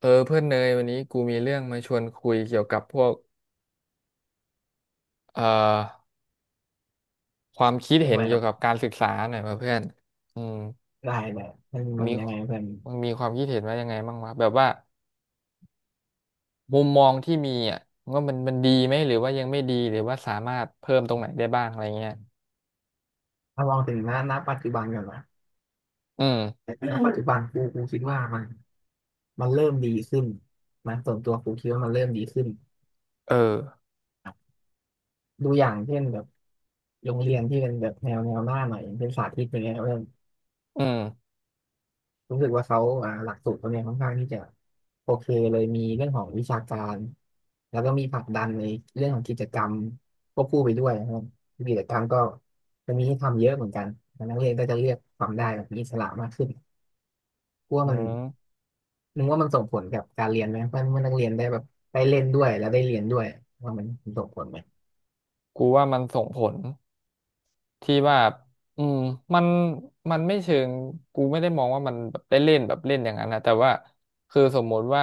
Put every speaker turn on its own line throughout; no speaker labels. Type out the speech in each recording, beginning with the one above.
เออเพื่อนเนยวันนี้กูมีเรื่องมาชวนคุยเกี่ยวกับพวกเอ่อความคิด
ช่วง
เห็
อะ
น
ไรค
เกี่ย
รั
วกับ
บ
การศึกษาหน่อยมาเพื่อนอืม
ได้เลยมัน
มี
ยังไงเพื่อน
มึงมีความคิดเห็นว่ายังไงบ้างวะแบบว่ามุมมองที่มีอ่ะว่ามันดีไหมหรือว่ายังไม่ดีหรือว่าสามารถเพิ่มตรงไหนได้บ้างอะไรเงี้ย
ถ้ามองถึงหน้าปัจจุบันก่อนนะ
อืม
หปัจจุบันกูคิดว่ามันเริ่มดีขึ้นนะส่วนตัวกูคิดว่ามันเริ่มดีขึ้น
เออ
ครับดูอย่างเช่นแบบโรงเรียนที่เป็นแบบแนวหน้าหน่อยอย่างเป็นสาธิตอย่างเงี้ยเพื่อน
อืม
รู้สึกว่าเขาหลักสูตรเขาเนี่ยค่อนข้างที่จะโอเคเลยมีเรื่องของวิชาการแล้วก็มีผลักดันในเรื่องของกิจกรรมควบคู่ไปด้วยนะครับกิจกรรมก็จะมีให้ทำเยอะเหนัมือนกันนักเรียนก็จะเลือกทำได้แบบมีอิสระมากขึ้น กลัว
อื
มัน
ม
นึกว่ามันส่งผลกับการเรียนไหมว่าเมื่อนักเรียนได้แบบได้เล่นด้วยแล้วได้เรียนด้วยว่ามันส่งผลไหม
กูว่ามันส่งผล ที่ว่าอืมมันมันไม่เชิงกูไม่ได้มองว่ามันแบบได้เล่นแบบเล่นอย่างนั้นนะแต่ว่าคือสมมุติว่า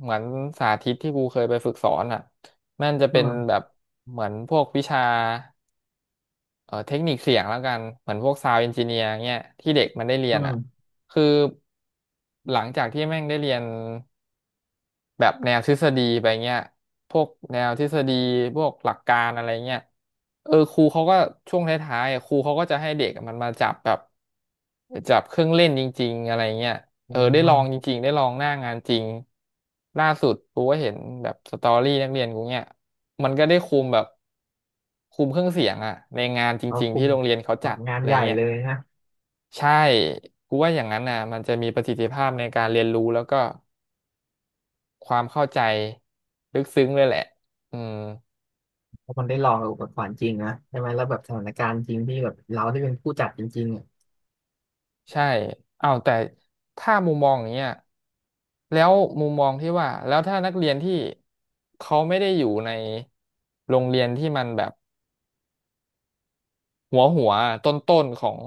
เหมือนสาธิตที่กูเคยไปฝึกสอนอ่ะมันจะ
อื
เป็น
ม
แบบเหมือนพวกวิชาเทคนิคเสียงแล้วกันเหมือนพวกซาว n d เอนจิเนียร์เงี้ยที่เด็กมันได้เรี
อื
ยนอ่ะ
ม
คือหลังจากที่แม่งได้เรียน แบบแนวทฤษฎีไปเงี้ยพวกแนวทฤษฎีพวกหลักการอะไรเงี้ยเออครูเขาก็ช่วงท้ายๆอะครูเขาก็จะให้เด็กมันมาจับแบบจับเครื่องเล่นจริงๆอะไรเงี้ย
อื
เออได้ลองจ
ม
ริงๆได้ลองหน้างานจริงล่าสุดกูก็เห็นแบบสตอรี่นักเรียนกูเนี่ยมันก็ได้คุมแบบคุมเครื่องเสียงอะในงานจ
เขา
ริงๆ
คุ
ที่
ม
โรงเรียนเขา
แบ
จั
บ
ด
งาน
อะไร
ใหญ่
เงี้ย
เลยนะ
ใช่กูว่าอย่างนั้นนะมันจะมีประสิทธิภาพในการเรียนรู้แล้วก็ ความเข้าใจลึกซึ้งเลยแหละ อืม
เพราะมันได้ลองกับอุปกรณ์จริงนะใช่ไหมแล้วแบบสถานการณ์จริงที่แบบเราได้เป็นผู้จัดจริงๆอะ
ใช่อ้าวแต่ถ้ามุมมองอย่างเงี้ยแล้วมุมมองที่ว่า แล้วถ้านักเรียนที่เขาไม่ได้อยู่ในโรงเรียนที่มันแบบหัวต้นๆของ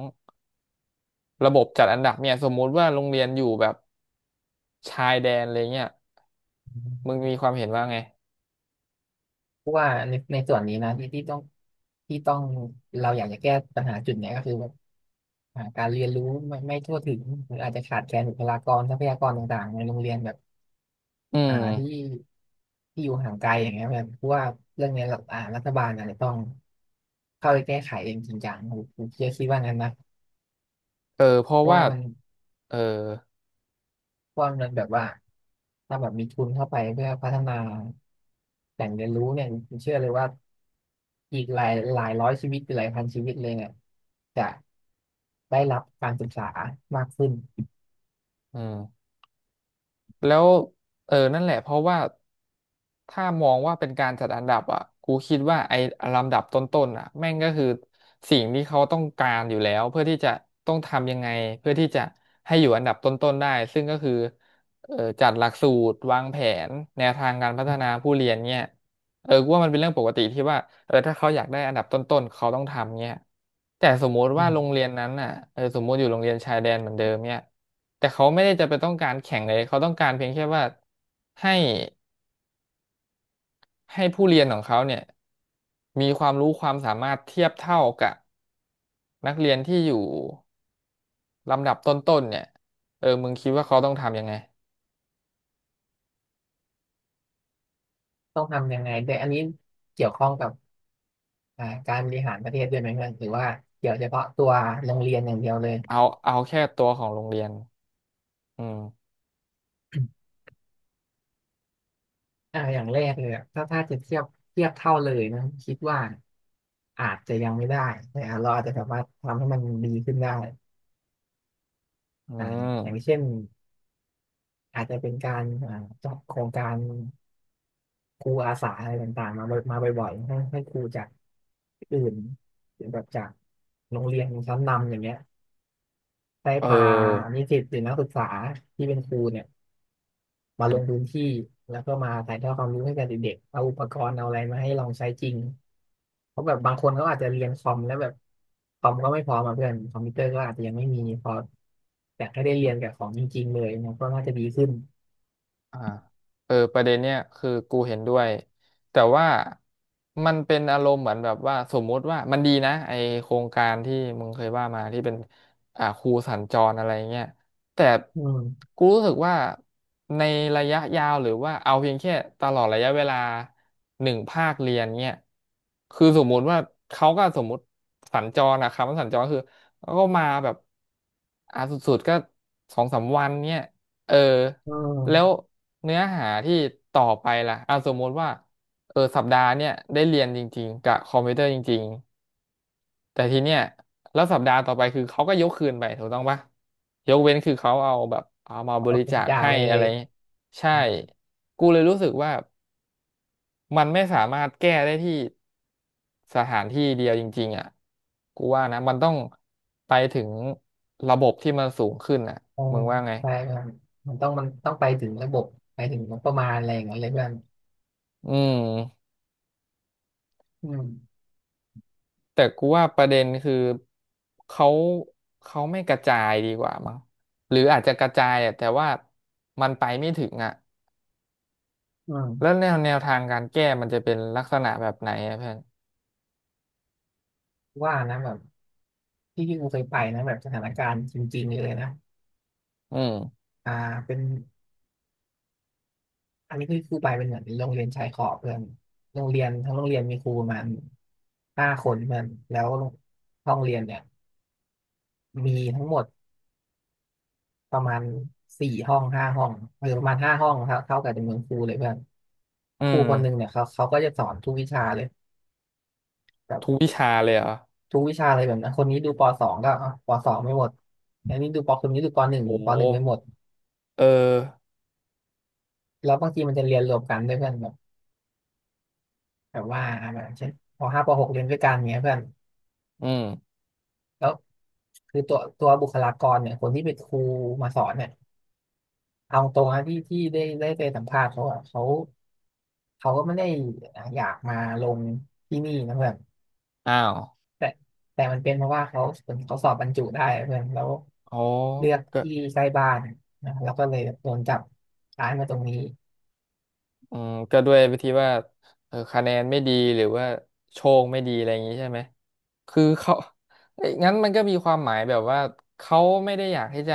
ระบบจัดอันดับเนี่ยสมมุติว่าโรงเรียนอยู่แบบชายแดนอะไรเงี้ยมึงมีความเห็นว่าไง
เพราะว่าในส่วนนี้นะที่ต้องเราอยากจะแก้ปัญหาจุดเนี้ยก็คือแบบการเรียนรู้ไม่ทั่วถึงหรืออาจจะขาดแคลนบุคลากรทรัพยากรต่างๆในโรงเรียนแบบ
อื
อ่าที่
ม
ที่อยู่ห่างไกลอย่างเงี้ยเพอนเพราะว่าเรื่องเนี้ยเรารัฐบาลอาจจะต้องเข้าไปแก้ไขเองจริงจังผมเชื่อคิดว่างั้นนะ
เออเพราะ
เพราะ
ว่า
ว่ามัน
เออ
เพราะว่ามันแบบว่าถ้าแบบมีทุนเข้าไปเพื่อพัฒนาแหล่งเรียนรู้เนี่ยผมเชื่อเลยว่าอีกหลายร้อยชีวิตหรือหลายพันชีวิตเลยเนี่ยจะได้รับการศึกษามากขึ้น
อืม แล้วเออนั่นแหละเพราะว่าถ้ามองว่าเป็นการจัดอันดับอ่ะกูคิดว่าไอ้ลำดับต้นๆอ่ะแม่งก็คือสิ่งที่เขาต้องการอยู่แล้วเพื่อที่จะต้องทำยังไงเพื่อที่จะให้อยู่อันดับต้นๆได้ซึ่งก็คือเออจัดหลักสูตรวางแผนแนวทางการพัฒนาผู้เรียนเนี่ย เออกูว่ามันเป็นเรื่องปกติที่ว่าเออถ้าเขาอยากได้อันดับต้นๆเขาต้องทำเงี้ยแต่สมมุติ
อื
ว่า
ม
โรงเรียนนั้นน่ะเออสมมุติอยู่โรงเรียนชายแดนเหมือนเดิมเนี่ยแต่เขาไม่ได้จะไปต้องการแข่งเลยเขาต้องการเพียงแค่ว่าให้ผู้เรียนของเขาเนี่ยมีความรู้ความสามารถเทียบเท่ากับนักเรียนที่อยู่ลำดับต้นๆเนี่ยเออมึงคิดว่าเขาต้องทำยังไง
ต้องทำยังไงด้วยอันนี้เกี่ยวข้องกับ การบริหารประเทศด้วยไหมเพื่อนหรือว่าเกี่ยวเฉพาะตัวโรงเรียนอย่างเดียวเลย
เอาเอาแค่ตัวของโรงเรียนอืม
อย่างแรกเลยอะถ้าจะเทียบเทียบเท่าเลยนะคิดว่าอาจจะยังไม่ได้แต่เราอาจจะสามารถทำให้มันดีขึ้นได้
อื
อย่าง
ม
เช่นอาจจะเป็นการจัดโครงการครูอาสาอะไรต่างๆมาบ่อยมาบ่อยๆให้ครูจากอื่นหรือแบบจากโรงเรียนชั้นนำอย่างเงี้ยได้
เ
พา
ออ
นิสิตหรือนักศึกษาที่เป็นครูเนี่ย มาลงพื้นที่แล้วก็มาถ่ายทอดความรู้ให้กับเด็กๆเอาอุปกรณ์เอาอะไรมาให้ลองใช้จริงเพราะแบบบางคนเขาอาจจะเรียนคอมแล้วแบบคอมก็ไม่พร้อมาเพื่อนคอมพิวเตอร์ก็อาจจะยังไม่มีพออยากให้ได้เรียนกับของจริงๆเลยเนี่ยก็น่าจะดีขึ้น
อ่าเออประเด็นเนี้ยคือกูเห็นด้วยแต่ว่ามันเป็นอารมณ์เหมือนแบบว่าสมมุติว่ามันดีนะไอโครงการที่มึงเคยว่ามาที่เป็นครูสัญจรอะไรเงี้ยแต่
อืม
กูรู้สึกว่าในระยะยาวหรือว่าเอาเพียงแค่ตลอดระยะเวลาหนึ่งภาคเรียนเนี่ยคือสมมุติว่าเขาก็สมมุติสัญจรอะคำว่าสัญจรคือเขาก็มาแบบสุดๆก็สองสามวันเนี่ยเออ
อื
แล้ว
ม
เนื้อหาที่ต่อไปล่ะอ่ะสมมติว่าเออสัปดาห์เนี่ยได้เรียนจริงๆกับคอมพิวเตอร์จริงๆแต่ทีเนี้ยแล้วสัปดาห์ต่อไปคือเขาก็ยกคืนไปถูกต้องปะยกเว้นคือเขาเอาแบบเอามา
ข
บ
อบ
ริ
คุณ
จาค
จาก
ให้
เล
อะไร
ย
เงี้ยใช่กูเลยรู้สึกว่ามันไม่สามารถแก้ได้ที่สถานที่เดียวจริงๆอ่ะกูว่านะมันต้องไปถึงระบบที่มันสูงขึ้นอ่ะ
อื
มึ
ม
งว่าไง
ใช่ครับมันต้องไปถึงระบบไปถึงงบประมาณอะไรอย่างเงี้ยเลยเพื่อน
อืม
อืม
แต่กูว่าประเด็นคือเขาเขาไม่กระจายดีกว่ามั้งหรืออาจจะกระจายอะแต่ว่ามันไปไม่ถึงอ่ะ
อื
แล้ว
ม
แนวทางการแก้มันจะเป็นลักษณะแบบไหนอะเพื่อน
ว่านะแบบที่กูเคยไปนะแบบสถานการณ์จริงๆเลยนะ
อืม
อ่าเป็น อันนี้คือครูไปเป็นเหมือนโรงเรียนชายขอบเพื่อนโรงเรียนทั้งโรงเรียนมีครูประมาณห้าคนเพื่อนแล้วห้องเรียนเนี่ยมีทั้งหมดประมาณสี่ห้องห้าห้องหรือประมาณห้าห้องครับเท่ากับจำนวนครูเลยเพื่อน
อื
ครู
ม
คนหนึ่งเนี่ยเขาก็จะสอนทุกวิชาเลยแบบ
ทุกวิชาเลยเหรอ
ทุกวิชาเลยแบบนั้นคนนี้ดูปสองก็อ่ะปสองไม่หมดอันนี้ดูปคนนี้ดูปหนึ่ง
โอ้โห
ปหนึ่งไม่หมด
เออ
แล้วบางทีมันจะเรียนรวมกันด้วยเพื่อนแบบแบบว่าแบบเช่นปห้าปหกเรียนด้วยกันเงี้ยเพื่อน
อืม
แล้วคือตัวบุคลากรเนี่ยคนที่เป็นครูมาสอนเนี่ยเอาตรงนะที่ได้ไปสัมภาษณ์เขาอะเขาก็ไม่ได้อยากมาลงที่นี่นะเพื่อน
อ้าว
แต่แต่มันเป็นเพราะว่าเขาเขาสอบบรรจุได้เพื่อนแล้ว
อ๋อ
เลือก
ก็
ที่ใกล้บ้านนะแล้วก็เลยโดนจับย้ายมาตรงนี้
อืมก็ด้วยวิธีว่าเออคะแนนไม่ดีหรือว่าโชคไม่ดีอะไรอย่างนี้ใช่ไหมคือเขาเอ้ยงั้นมันก็มีความหมายแบบว่าเขาไม่ได้อยากที่จะ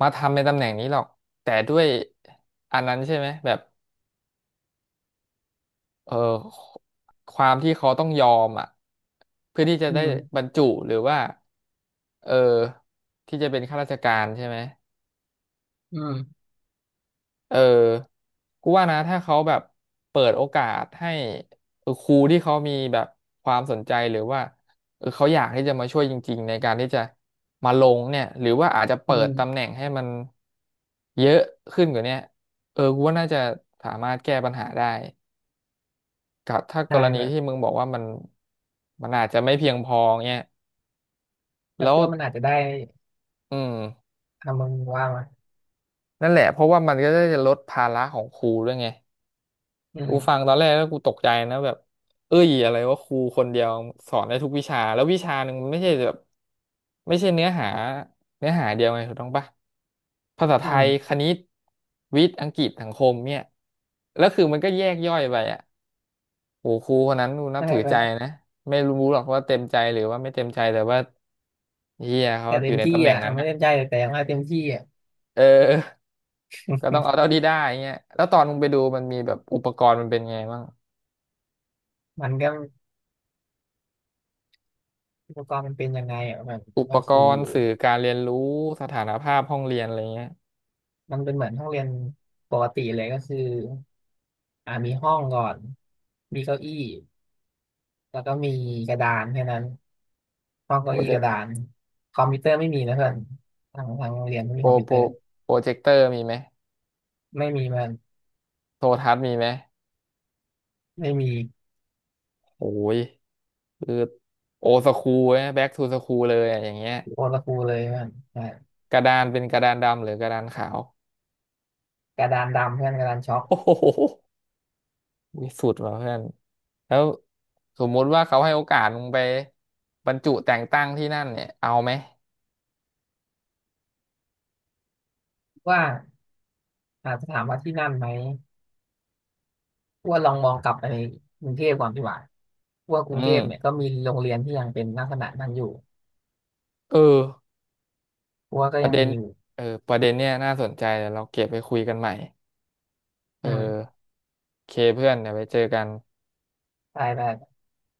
มาทำในตำแหน่งนี้หรอกแต่ด้วยอันนั้นใช่ไหมแบบเออความที่เขาต้องยอมอ่ะเพื่อที่จะ
อื
ได้
ม
บรรจุหรือว่าเออที่จะเป็นข้าราชการใช่ไหม
อืม
เออกูว่านะถ้าเขาแบบเปิดโอกาสให้เออครูที่เขามีแบบความสนใจหรือว่าเออเขาอยากที่จะมาช่วยจริงๆในการที่จะมาลงเนี่ยหรือว่าอาจจะ
อื
เปิดตำแห
ม
น่งให้มันเยอะขึ้นกว่าเนี้ยเออกูว่าน่าจะสามารถแก้ปัญหาได้กับถ้าก
ใช่
รณี
เพื่อน
ที่มึงบอกว่ามันอาจจะไม่เพียงพอเนี่ย
แล้ว
แล้ว
พวกมันอาจจะได้
อืม
ทำมึงว่ามา
นั่นแหละเพราะว่ามันก็จะลดภาระของครูด้วยไง
อื
กู
ม
ฟังตอนแรกแล้วกูตกใจนะแบบเอ้ยอะไรว่าครูคนเดียวสอนได้ทุกวิชาแล้ววิชาหนึ่งมันไม่ใช่แบบไม่ใช่เนื้อหาเนื้อหาเดียวไงถูกต้องปะภาษาไท
อื
ย
ม
คณิตวิทย์อังกฤษสังคมเนี่ยแล้วคือมันก็แยกย่อยไปอ่ะโหครูคนนั้นกูนับ
ใช่
ถือ
เพื่
ใจ
อน
นะไม่รู้หรอกว่าเต็มใจหรือว่าไม่เต็มใจแต่ว่าเฮียเขา
แต่
อ
เต็
ยู่
ม
ใน
ที่
ตำแหน่ง
อ่ะ
นั้น
ไม่
อ่ะ
เต็มใจแต่อย่างว่าเต็มที่อ่ะ
เออก็ต้องเอาเท่าที่ได้เงี้ยแล้วตอนมึงไปดูมันมีแบบอุปกรณ์มันเป็นไงบ้าง
มันก็ อุปกรณ์มันเป็นยังไงอ่ะแบบ
อุป
ก็
ก
คือ
รณ์สื่อการเรียนรู้สถานภาพห้องเรียนอะไรเงี้ย
มันเป็นเหมือนห้องเรียนปกติเลยก็คือมีห้องก่อนมีเก้าอี้แล้วก็มีกระดานแค่นั้นห้อง
โป
เก้า
ร
อี้
เจ
ก
ก
ระ
ต์
ดานคอมพิวเตอร์ไม่มีนะเพื่อนทางโรงเรียนไม่
โป
มี
ร
คอมพิว
โป
เต
ร
อร์
โปรเจคเตอร์มีไหม
ไม่มีมัน
โทรทัศน์มีไหม
ไม่มี
โอ้ยคือโอสคูลแบ็กทูสคูลเลยอะอย่างเงี้ย
โอตะกูเลยมันใช่
กระดานเป็นกระดานดำหรือกระดานขาว
กระดานดำเพื่อนกระดานช็อก
โอ้โหวิสุดว่ะเพื่อนแล้วสมมุติว่าเขาให้โอกาสมึงไปบรรจุแต่งตั้งที่นั่นเนี่ยเอาไหม
ว่าอาจจะถามว่าที่นั่นไหมว่าลองมองกลับไปในกรุงเทพก่อนดีกว่าว่าก
อื
รุงเทพเนี่ย
ม
ก็มีโรงเรียนที่ยังเป็นลักษณะนั้นอยู่
เออ
กูว่าก็
ประ
ยัง
เด็น
มีอยู่
เออประเด็นเนี่ยน่าสนใจเดี๋ยวเราเก็บไปคุยกันใหม่เอ
อื
อ
ม
เคเพื่อนเดี๋ยวไปเจอกัน
ไปไป